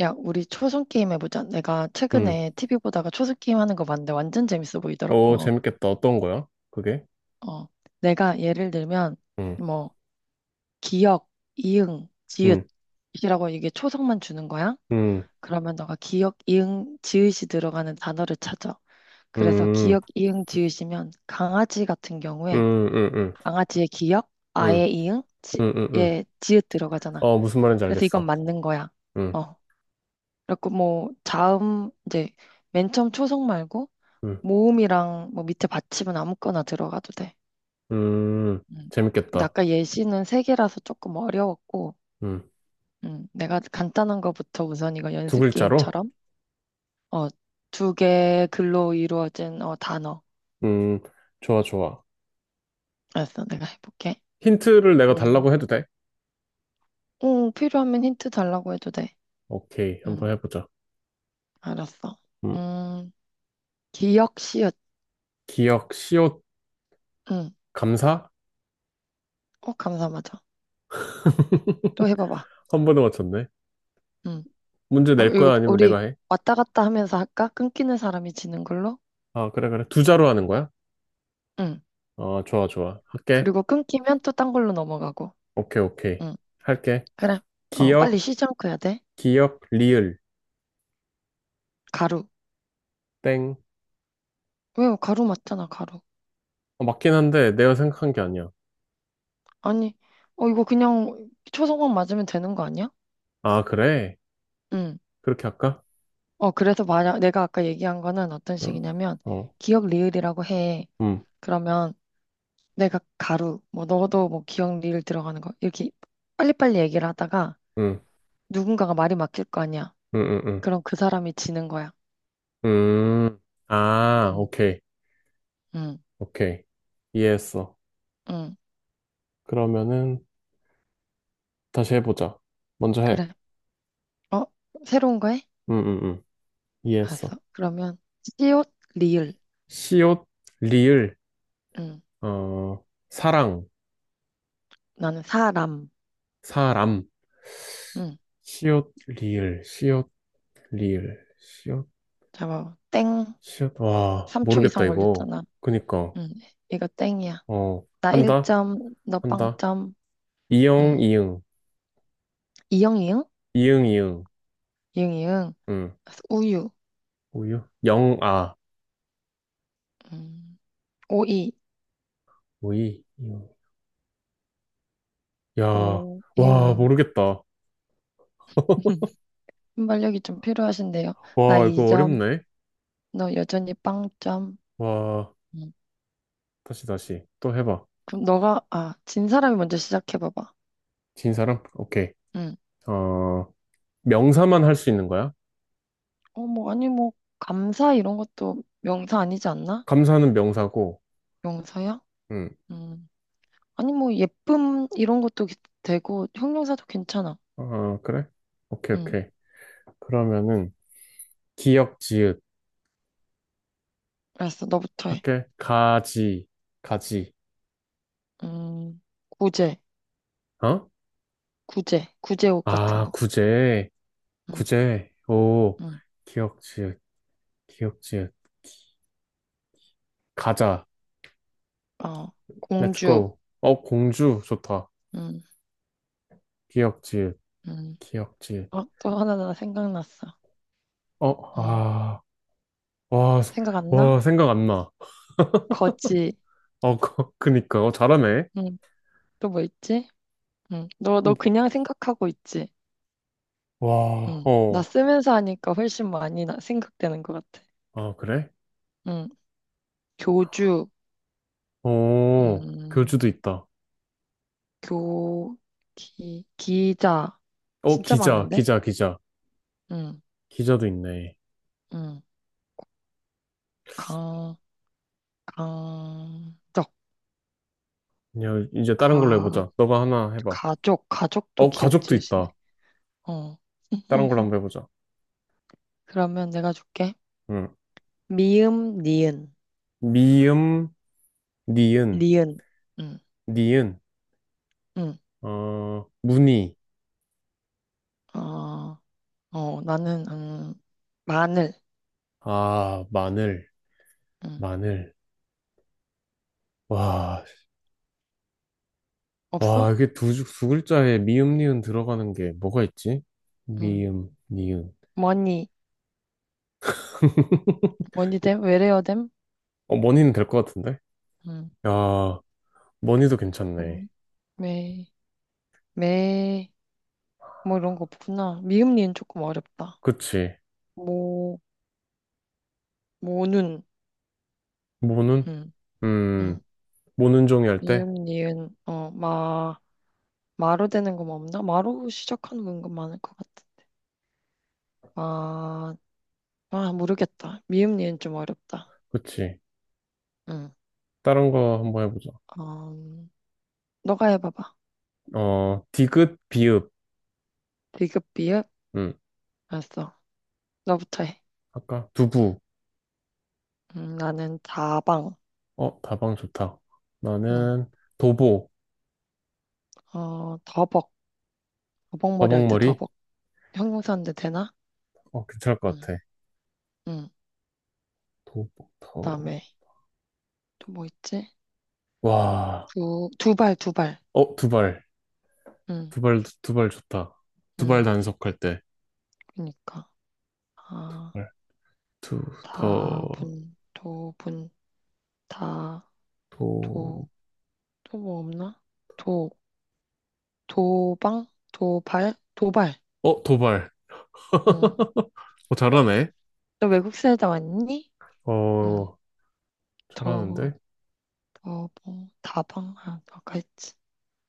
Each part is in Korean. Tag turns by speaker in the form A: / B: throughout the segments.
A: 야, 우리 초성 게임 해보자. 내가
B: 음.
A: 최근에 TV 보다가 초성 게임 하는 거 봤는데 완전 재밌어
B: 오,
A: 보이더라고.
B: 재밌겠다. 어떤 거야? 그게?
A: 어, 내가 예를 들면
B: 음.
A: 뭐 기역, 이응,
B: 음.
A: 지읒이라고 이게 초성만 주는 거야.
B: 음.
A: 그러면 너가 기역, 이응, 지읒이 들어가는 단어를 찾아. 그래서
B: 음.
A: 기역, 이응, 지읒이면 강아지 같은 경우에
B: 음. 음. 음.
A: 강아지의 기역,
B: 음.
A: 아의 이응,
B: 음. 음. 음.
A: 지의 지읒 들어가잖아.
B: 어, 무슨 말인지
A: 그래서 이건
B: 알겠어.
A: 맞는 거야.
B: 음.
A: 어, 그리고 뭐 자음 이제 맨 처음 초성 말고
B: 음.
A: 모음이랑 뭐 밑에 받침은 아무거나 들어가도 돼.
B: 음.
A: 음. 근데
B: 재밌겠다.
A: 아까 예시는 세 개라서 조금 어려웠고,
B: 음.
A: 내가 간단한 거부터 우선 이거
B: 두
A: 연습
B: 글자로?
A: 게임처럼 어, 두 개 글로 이루어진 단어.
B: 음. 좋아, 좋아.
A: 알았어, 내가 해볼게.
B: 힌트를 내가
A: 음,
B: 달라고 해도 돼?
A: 응, 필요하면 힌트 달라고 해도 돼.
B: 오케이.
A: 음,
B: 한번 해보자.
A: 알았어.
B: 음.
A: 음, 기억시읒.
B: 기억, 시옷,
A: 음,
B: 감사?
A: 어, 감사하죠. 또 해봐봐.
B: 한 번에 맞췄네.
A: 음,
B: 문제
A: 어,
B: 낼
A: 이거
B: 거야? 아니면 내가
A: 우리
B: 해?
A: 왔다 갔다 하면서 할까? 끊기는 사람이 지는 걸로?
B: 아, 그래, 그래. 두 자로 하는 거야?
A: 음.
B: 아, 좋아, 좋아. 할게.
A: 그리고 끊기면 또 딴 걸로 넘어가고.
B: 오케이, 오케이.
A: 응,
B: 할게.
A: 그래. 어, 빨리
B: 기억,
A: 쉬지 않고 해야 돼.
B: 기억, 리을,
A: 가루.
B: 땡.
A: 왜요? 가루 맞잖아, 가루.
B: 어, 맞긴 한데 내가 생각한 게 아니야.
A: 아니, 어, 이거 그냥 초성만 맞으면 되는 거 아니야?
B: 아, 그래?
A: 응.
B: 그렇게 할까?
A: 어, 그래서 만약 내가 아까 얘기한 거는 어떤
B: 어,
A: 식이냐면,
B: 어,
A: 기억 리을이라고 해.
B: 음,
A: 그러면 내가 가루, 뭐, 너도 뭐 기억 리을 들어가는 거, 이렇게 빨리빨리 얘기를 하다가
B: 음,
A: 누군가가 말이 막힐 거 아니야.
B: 음, 음,
A: 그럼 그 사람이 지는 거야.
B: 음. 음. 아,
A: 응,
B: 오케이,
A: 응,
B: 오케이. 이해했어.
A: 응.
B: 그러면은 다시 해보자. 먼저 해.
A: 그래. 어, 새로운 거 해?
B: 음, 음, 음.
A: 알았어.
B: 이해했어.
A: 그러면 시옷 리을.
B: 시옷, 리을,
A: 응.
B: 어, 사랑,
A: 나는 사람.
B: 사람.
A: 응.
B: 시옷, 리을, 시옷, 리을, 시옷,
A: 잡아. 땡.
B: 시옷. 와,
A: 3초
B: 모르겠다,
A: 이상
B: 이거.
A: 걸렸잖아.
B: 그니까,
A: 응. 이거 땡이야.
B: 어,
A: 나
B: 한다?
A: 1점, 너
B: 한다.
A: 0점.
B: 이용
A: 응.
B: 이응,
A: 이응 이응?
B: 이응, 이응,
A: 이응 이응.
B: 응,
A: 우유.
B: 우유, 영, 아,
A: 응. 오이.
B: 우이, 이응. 야,
A: 오. 이응
B: 와,
A: 이응.
B: 모르겠다.
A: 순발력이 좀 필요하신데요. 나
B: 와, 이거
A: 2점.
B: 어렵네.
A: 너 여전히 0점.
B: 와,
A: 응.
B: 다시, 다시. 또 해봐.
A: 그럼 너가 아, 진 사람이 먼저 시작해 봐봐.
B: 진 사람? 오케이.
A: 응.
B: 어, 명사만 할 수 있는 거야?
A: 어, 뭐 아니 뭐 감사 이런 것도 명사 아니지 않나?
B: 감사는 명사고,
A: 명사야?
B: 응.
A: 음. 아니 뭐 예쁨 이런 것도 되고 형용사도 괜찮아.
B: 어, 그래? 오케이,
A: 음.
B: 오케이. 그러면은, 기역, 지읒.
A: 알았어. 너부터 해.
B: 할게. 가지, 가지.
A: 음. 구제,
B: 어?
A: 구제, 구제옷 같은
B: 아,
A: 거.
B: 구제,
A: 음.
B: 구제. 오,
A: 음.
B: 기역, 지읒, 기역, 지읒. 가자.
A: 어.
B: Let's
A: 공주.
B: go. 어, 공주 좋다.
A: 음.
B: 기역지읒,
A: 음.
B: 기역지읒.
A: 어, 또 하나 나 생각났어.
B: 어,
A: 음.
B: 아, 와,
A: 생각 안 나?
B: 와, 생각 안 나.
A: 거지.
B: 어, 그니까. 어, 잘하네.
A: 음. 또 뭐 있지? 음.
B: 어,
A: 너 그냥 생각하고 있지?
B: 와,
A: 음. 나
B: 어,
A: 쓰면서 하니까 훨씬 많이 생각되는 것 같아.
B: 아, 그래?
A: 음. 교주.
B: 어,
A: 음.
B: 교주도 있다.
A: 교, 기자.
B: 어,
A: 진짜
B: 기자,
A: 많은데?
B: 기자, 기자.
A: 응,
B: 기자도 있네.
A: 응. 강, 강적,
B: 그냥 이제 다른 걸로
A: 가,
B: 해보자. 너가 하나 해봐.
A: 가족, 가족도
B: 어,
A: 기억
B: 가족도
A: 지으시네.
B: 있다.
A: 어,
B: 다른 걸로 한번 해보자.
A: 그러면 내가 줄게.
B: 응.
A: 미음, 니은,
B: 미음, 니은,
A: 리은. 응,
B: 니은,
A: 응.
B: 어, 무늬.
A: 어, 어, 나는, 마늘.
B: 아, 마늘,
A: 응.
B: 마늘. 와.
A: 없어?
B: 와, 이게 두 글자에 미음, 니은 들어가는 게 뭐가 있지?
A: 응.
B: 미음, 니은.
A: 머니, 머니댐? 외래어댐?
B: 어, 머니는 될 것 같은데?
A: 응.
B: 야, 머니도 괜찮네.
A: 머니? 매, 매, 뭐 이런 거 없구나. 미음, 니은 조금 어렵다.
B: 그치.
A: 모, 모눈,
B: 모는?
A: 음, 음,
B: 음, 모는 종이 할 때?
A: 미음, 니은, 어, 마, 마로 되는 거뭐 없나? 마로 시작하는 건 많을 것 같아. 마, 아, 모르겠다. 미음, 니은 좀 어렵다.
B: 그치.
A: 응,
B: 다른 거 한번 해보자.
A: 음, 너가 해봐봐.
B: 어, 디귿, 비읍.
A: 비읍, 비읍?
B: 음,
A: 알았어. 너부터 해.
B: 아까 두부.
A: 나는 다방.
B: 어, 다방 좋다.
A: 응,
B: 나는 도보.
A: 어, 더벅. 더벅머리 할 때
B: 다방머리?
A: 더벅. 형용사인데 되나?
B: 어, 괜찮을 것
A: 응,
B: 같아.
A: 응.
B: 도보,
A: 그다음에
B: 더.
A: 또 뭐 있지?
B: 와,
A: 두, 두발, 두발.
B: 어, 두발.
A: 응,
B: 두발, 두발 좋다. 두발
A: 응.
B: 단속할 때.
A: 그니까. 아.
B: 발. 두, 더,
A: 다분, 도분, 다, 도,
B: 도,
A: 또 뭐 없나? 도, 도방, 도발, 도발.
B: 어, 도발.
A: 응.
B: 어, 잘하네.
A: 너 외국 살다 왔니? 응.
B: 어,
A: 더,
B: 잘하는데?
A: 더, 뭐, 다방, 아, 아까 했지.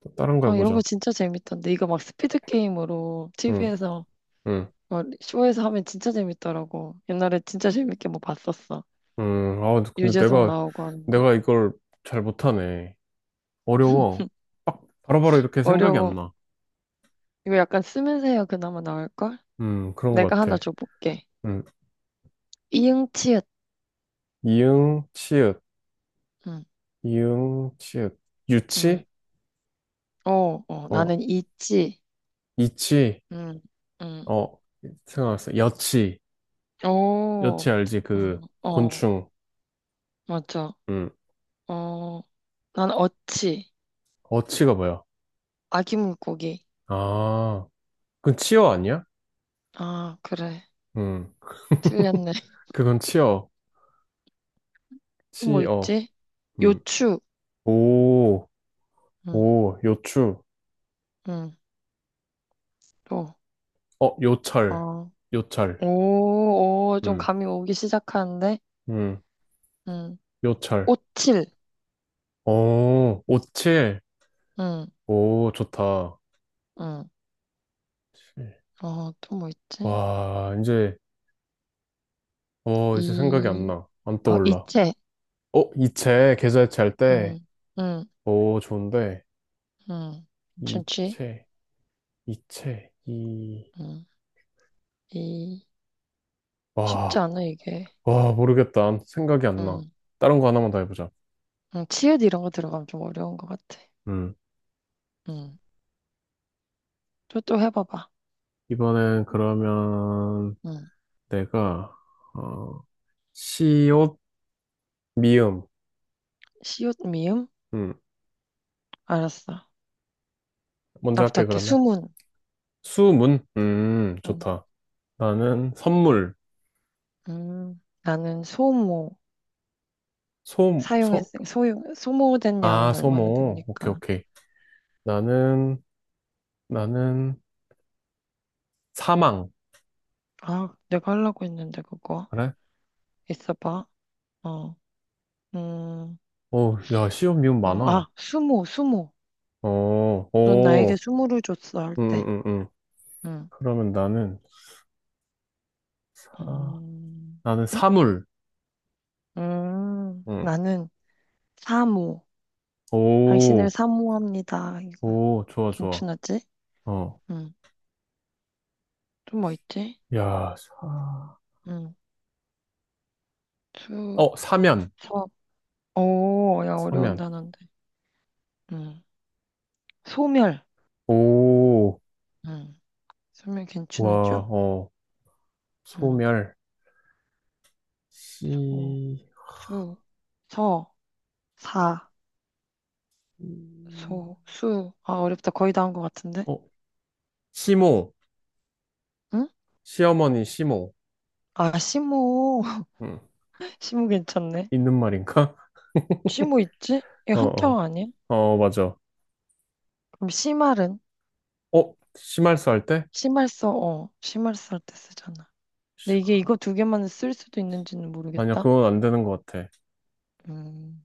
B: 또 다른 거
A: 아, 이런 거
B: 해보자.
A: 진짜 재밌던데. 이거 막 스피드 게임으로
B: 응,
A: TV에서,
B: 응,
A: 막 쇼에서 하면 진짜 재밌더라고. 옛날에 진짜 재밌게 뭐 봤었어.
B: 응. 아, 근데
A: 유재석
B: 내가,
A: 나오고 하는 거.
B: 이걸 잘 못하네. 어려워. 빡, 바로바로 이렇게 생각이 안
A: 어려워.
B: 나.
A: 이거 약간 쓰면서 해야 그나마 나올걸?
B: 그런 것
A: 내가 하나
B: 같아.
A: 줘볼게.
B: 음,
A: 이응치읓.
B: 이응, 치읓.
A: 응.
B: 이응, 치읓.
A: 응.
B: 유치?
A: 어, 어,
B: 어,
A: 나는 있지.
B: 이치.
A: 응, 응.
B: 어, 생각났어. 여치. 여치
A: 오,
B: 알지?
A: 어,
B: 그,
A: 어,
B: 곤충.
A: 맞아.
B: 음.
A: 어, 난 어치.
B: 어치가 뭐야?
A: 아기 물고기.
B: 아, 그건 치어 아니야?
A: 아, 그래.
B: 음,
A: 틀렸네.
B: 그건 치어,
A: 또 뭐
B: 치어,
A: 있지?
B: 음,
A: 요추.
B: 오,
A: 응,
B: 오, 요추,
A: 응, 또.
B: 어, 요철,
A: 어,
B: 요철,
A: 오, 오, 좀
B: 음,
A: 감이 오기 시작하는데?
B: 음,
A: 응.
B: 요철,
A: 오칠.
B: 오, 오칠,
A: 응,
B: 오, 좋다.
A: 응.
B: 칠.
A: 어, 또 뭐 있지?
B: 와, 이제, 어, 이제 생각이 안
A: 이,
B: 나. 안
A: 어,
B: 떠올라.
A: 이체.
B: 어, 이체, 계좌이체 할 때,
A: 응, 응,
B: 오, 좋은데,
A: 응. 괜찮지?
B: 이체, 이체, 이,
A: 응, 이. 쉽지
B: 와.
A: 않아, 이게.
B: 와, 모르겠다. 생각이 안 나.
A: 음,
B: 다른 거 하나만 더 해보자.
A: 치읓 이런 거 들어가면 좀 어려운 것 같아.
B: 음.
A: 음, 또, 또 해봐봐.
B: 이번엔 그러면
A: 음,
B: 내가, 어, 시옷, 미음.
A: 시옷 미음?
B: 음.
A: 알았어.
B: 먼저
A: 나부터
B: 할게,
A: 할게.
B: 그러면.
A: 수문.
B: 수문.
A: 음,
B: 좋다. 나는 선물.
A: 나는 소모.
B: 소, 소,
A: 소모된
B: 아,
A: 양은 얼마나
B: 소모. 오케이,
A: 됩니까?
B: 오케이. 나는, 나는 사망.
A: 아, 내가 하려고 했는데, 그거.
B: 그래?
A: 있어봐. 어, 음,
B: 오, 야, 시옷, 미음
A: 어,
B: 많아.
A: 아, 수모, 수모.
B: 어,
A: 넌 나에게
B: 오,
A: 수모를 줬어, 할
B: 음,
A: 때.
B: 음, 음.
A: 음,
B: 그러면 나는 사,
A: 음,
B: 나는
A: 음,
B: 사물. 응.
A: 나는 사모. 당신을
B: 오.
A: 사모합니다. 이거.
B: 오, 좋아, 좋아.
A: 괜찮았지?
B: 어.
A: 응. 또 뭐 있지?
B: 야, 사,
A: 응. 수,
B: 어, 사면.
A: 서, 오, 야, 어려운
B: 사면.
A: 단어인데. 응. 소멸.
B: 오,
A: 응. 소멸 괜찮았죠.
B: 와, 어,
A: 응.
B: 소멸.
A: 소,
B: 시,
A: 수, 서, 사,
B: 음,
A: 소, 수. 아, 어렵다. 거의 다 한 것 같은데?
B: 어, 시모.
A: 응?
B: 시어머니 시모.
A: 아, 시모.
B: 응.
A: 시모 괜찮네.
B: 있는 말인가?
A: 시모 있지? 이거
B: 어,
A: 한자어
B: 어.
A: 아니야?
B: 어, 맞아.
A: 그럼 시말은?
B: 어, 심할수 할 때?
A: 시말서, 어. 시말서 할 때 쓰잖아. 근데 이게 이거
B: 시끄러.
A: 두 개만 쓸 수도 있는지는
B: 아니야,
A: 모르겠다.
B: 그건 안 되는 것 같아.
A: 음.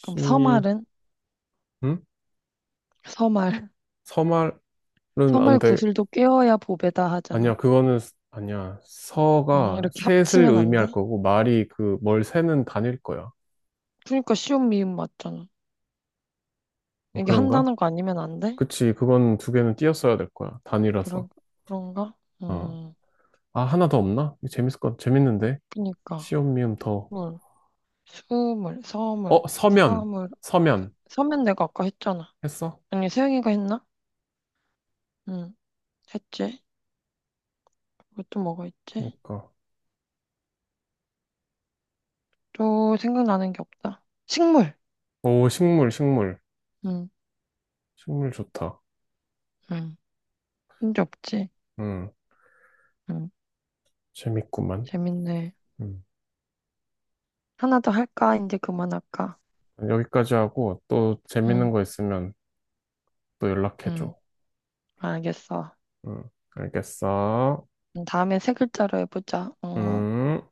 A: 그럼 서말은?
B: 응?
A: 서말.
B: 서말은 안
A: 서말
B: 돼.
A: 구슬도 꿰어야 보배다 하잖아.
B: 아니야, 그거는, 아니야. 서가
A: 이렇게
B: 셋을
A: 합치면 안 돼?
B: 의미할 거고, 말이 그, 뭘 세는 단일 거야.
A: 그러니까 쉬운 미음 맞잖아.
B: 어,
A: 이게 한
B: 그런가?
A: 단어가 아니면 안 돼?
B: 그치, 그건 두 개는 띄었어야 될 거야. 단위라서.
A: 그런, 그런가?
B: 어.
A: 음,
B: 아, 하나 더 없나? 이거 재밌을 것, 재밌는데?
A: 그니까.
B: 시옷, 미음, 더.
A: 물, 수물,
B: 어,
A: 서물,
B: 서면.
A: 사물.
B: 서면.
A: 서면 내가 아까 했잖아.
B: 했어?
A: 아니, 세영이가 했나? 응, 했지. 그것도 뭐가 있지?
B: 그니까.
A: 또 생각나는 게 없다. 식물!
B: 오, 식물, 식물.
A: 응,
B: 식물 좋다.
A: 응. 문제 없지?
B: 음,
A: 응,
B: 재밌구만.
A: 재밌네.
B: 음.
A: 하나 더 할까? 이제 그만할까?
B: 여기까지 하고, 또 재밌는
A: 응,
B: 거 있으면 또
A: 응,
B: 연락해줘.
A: 알겠어.
B: 음, 알겠어.
A: 다음에 세 글자로 해보자. 어,
B: 음.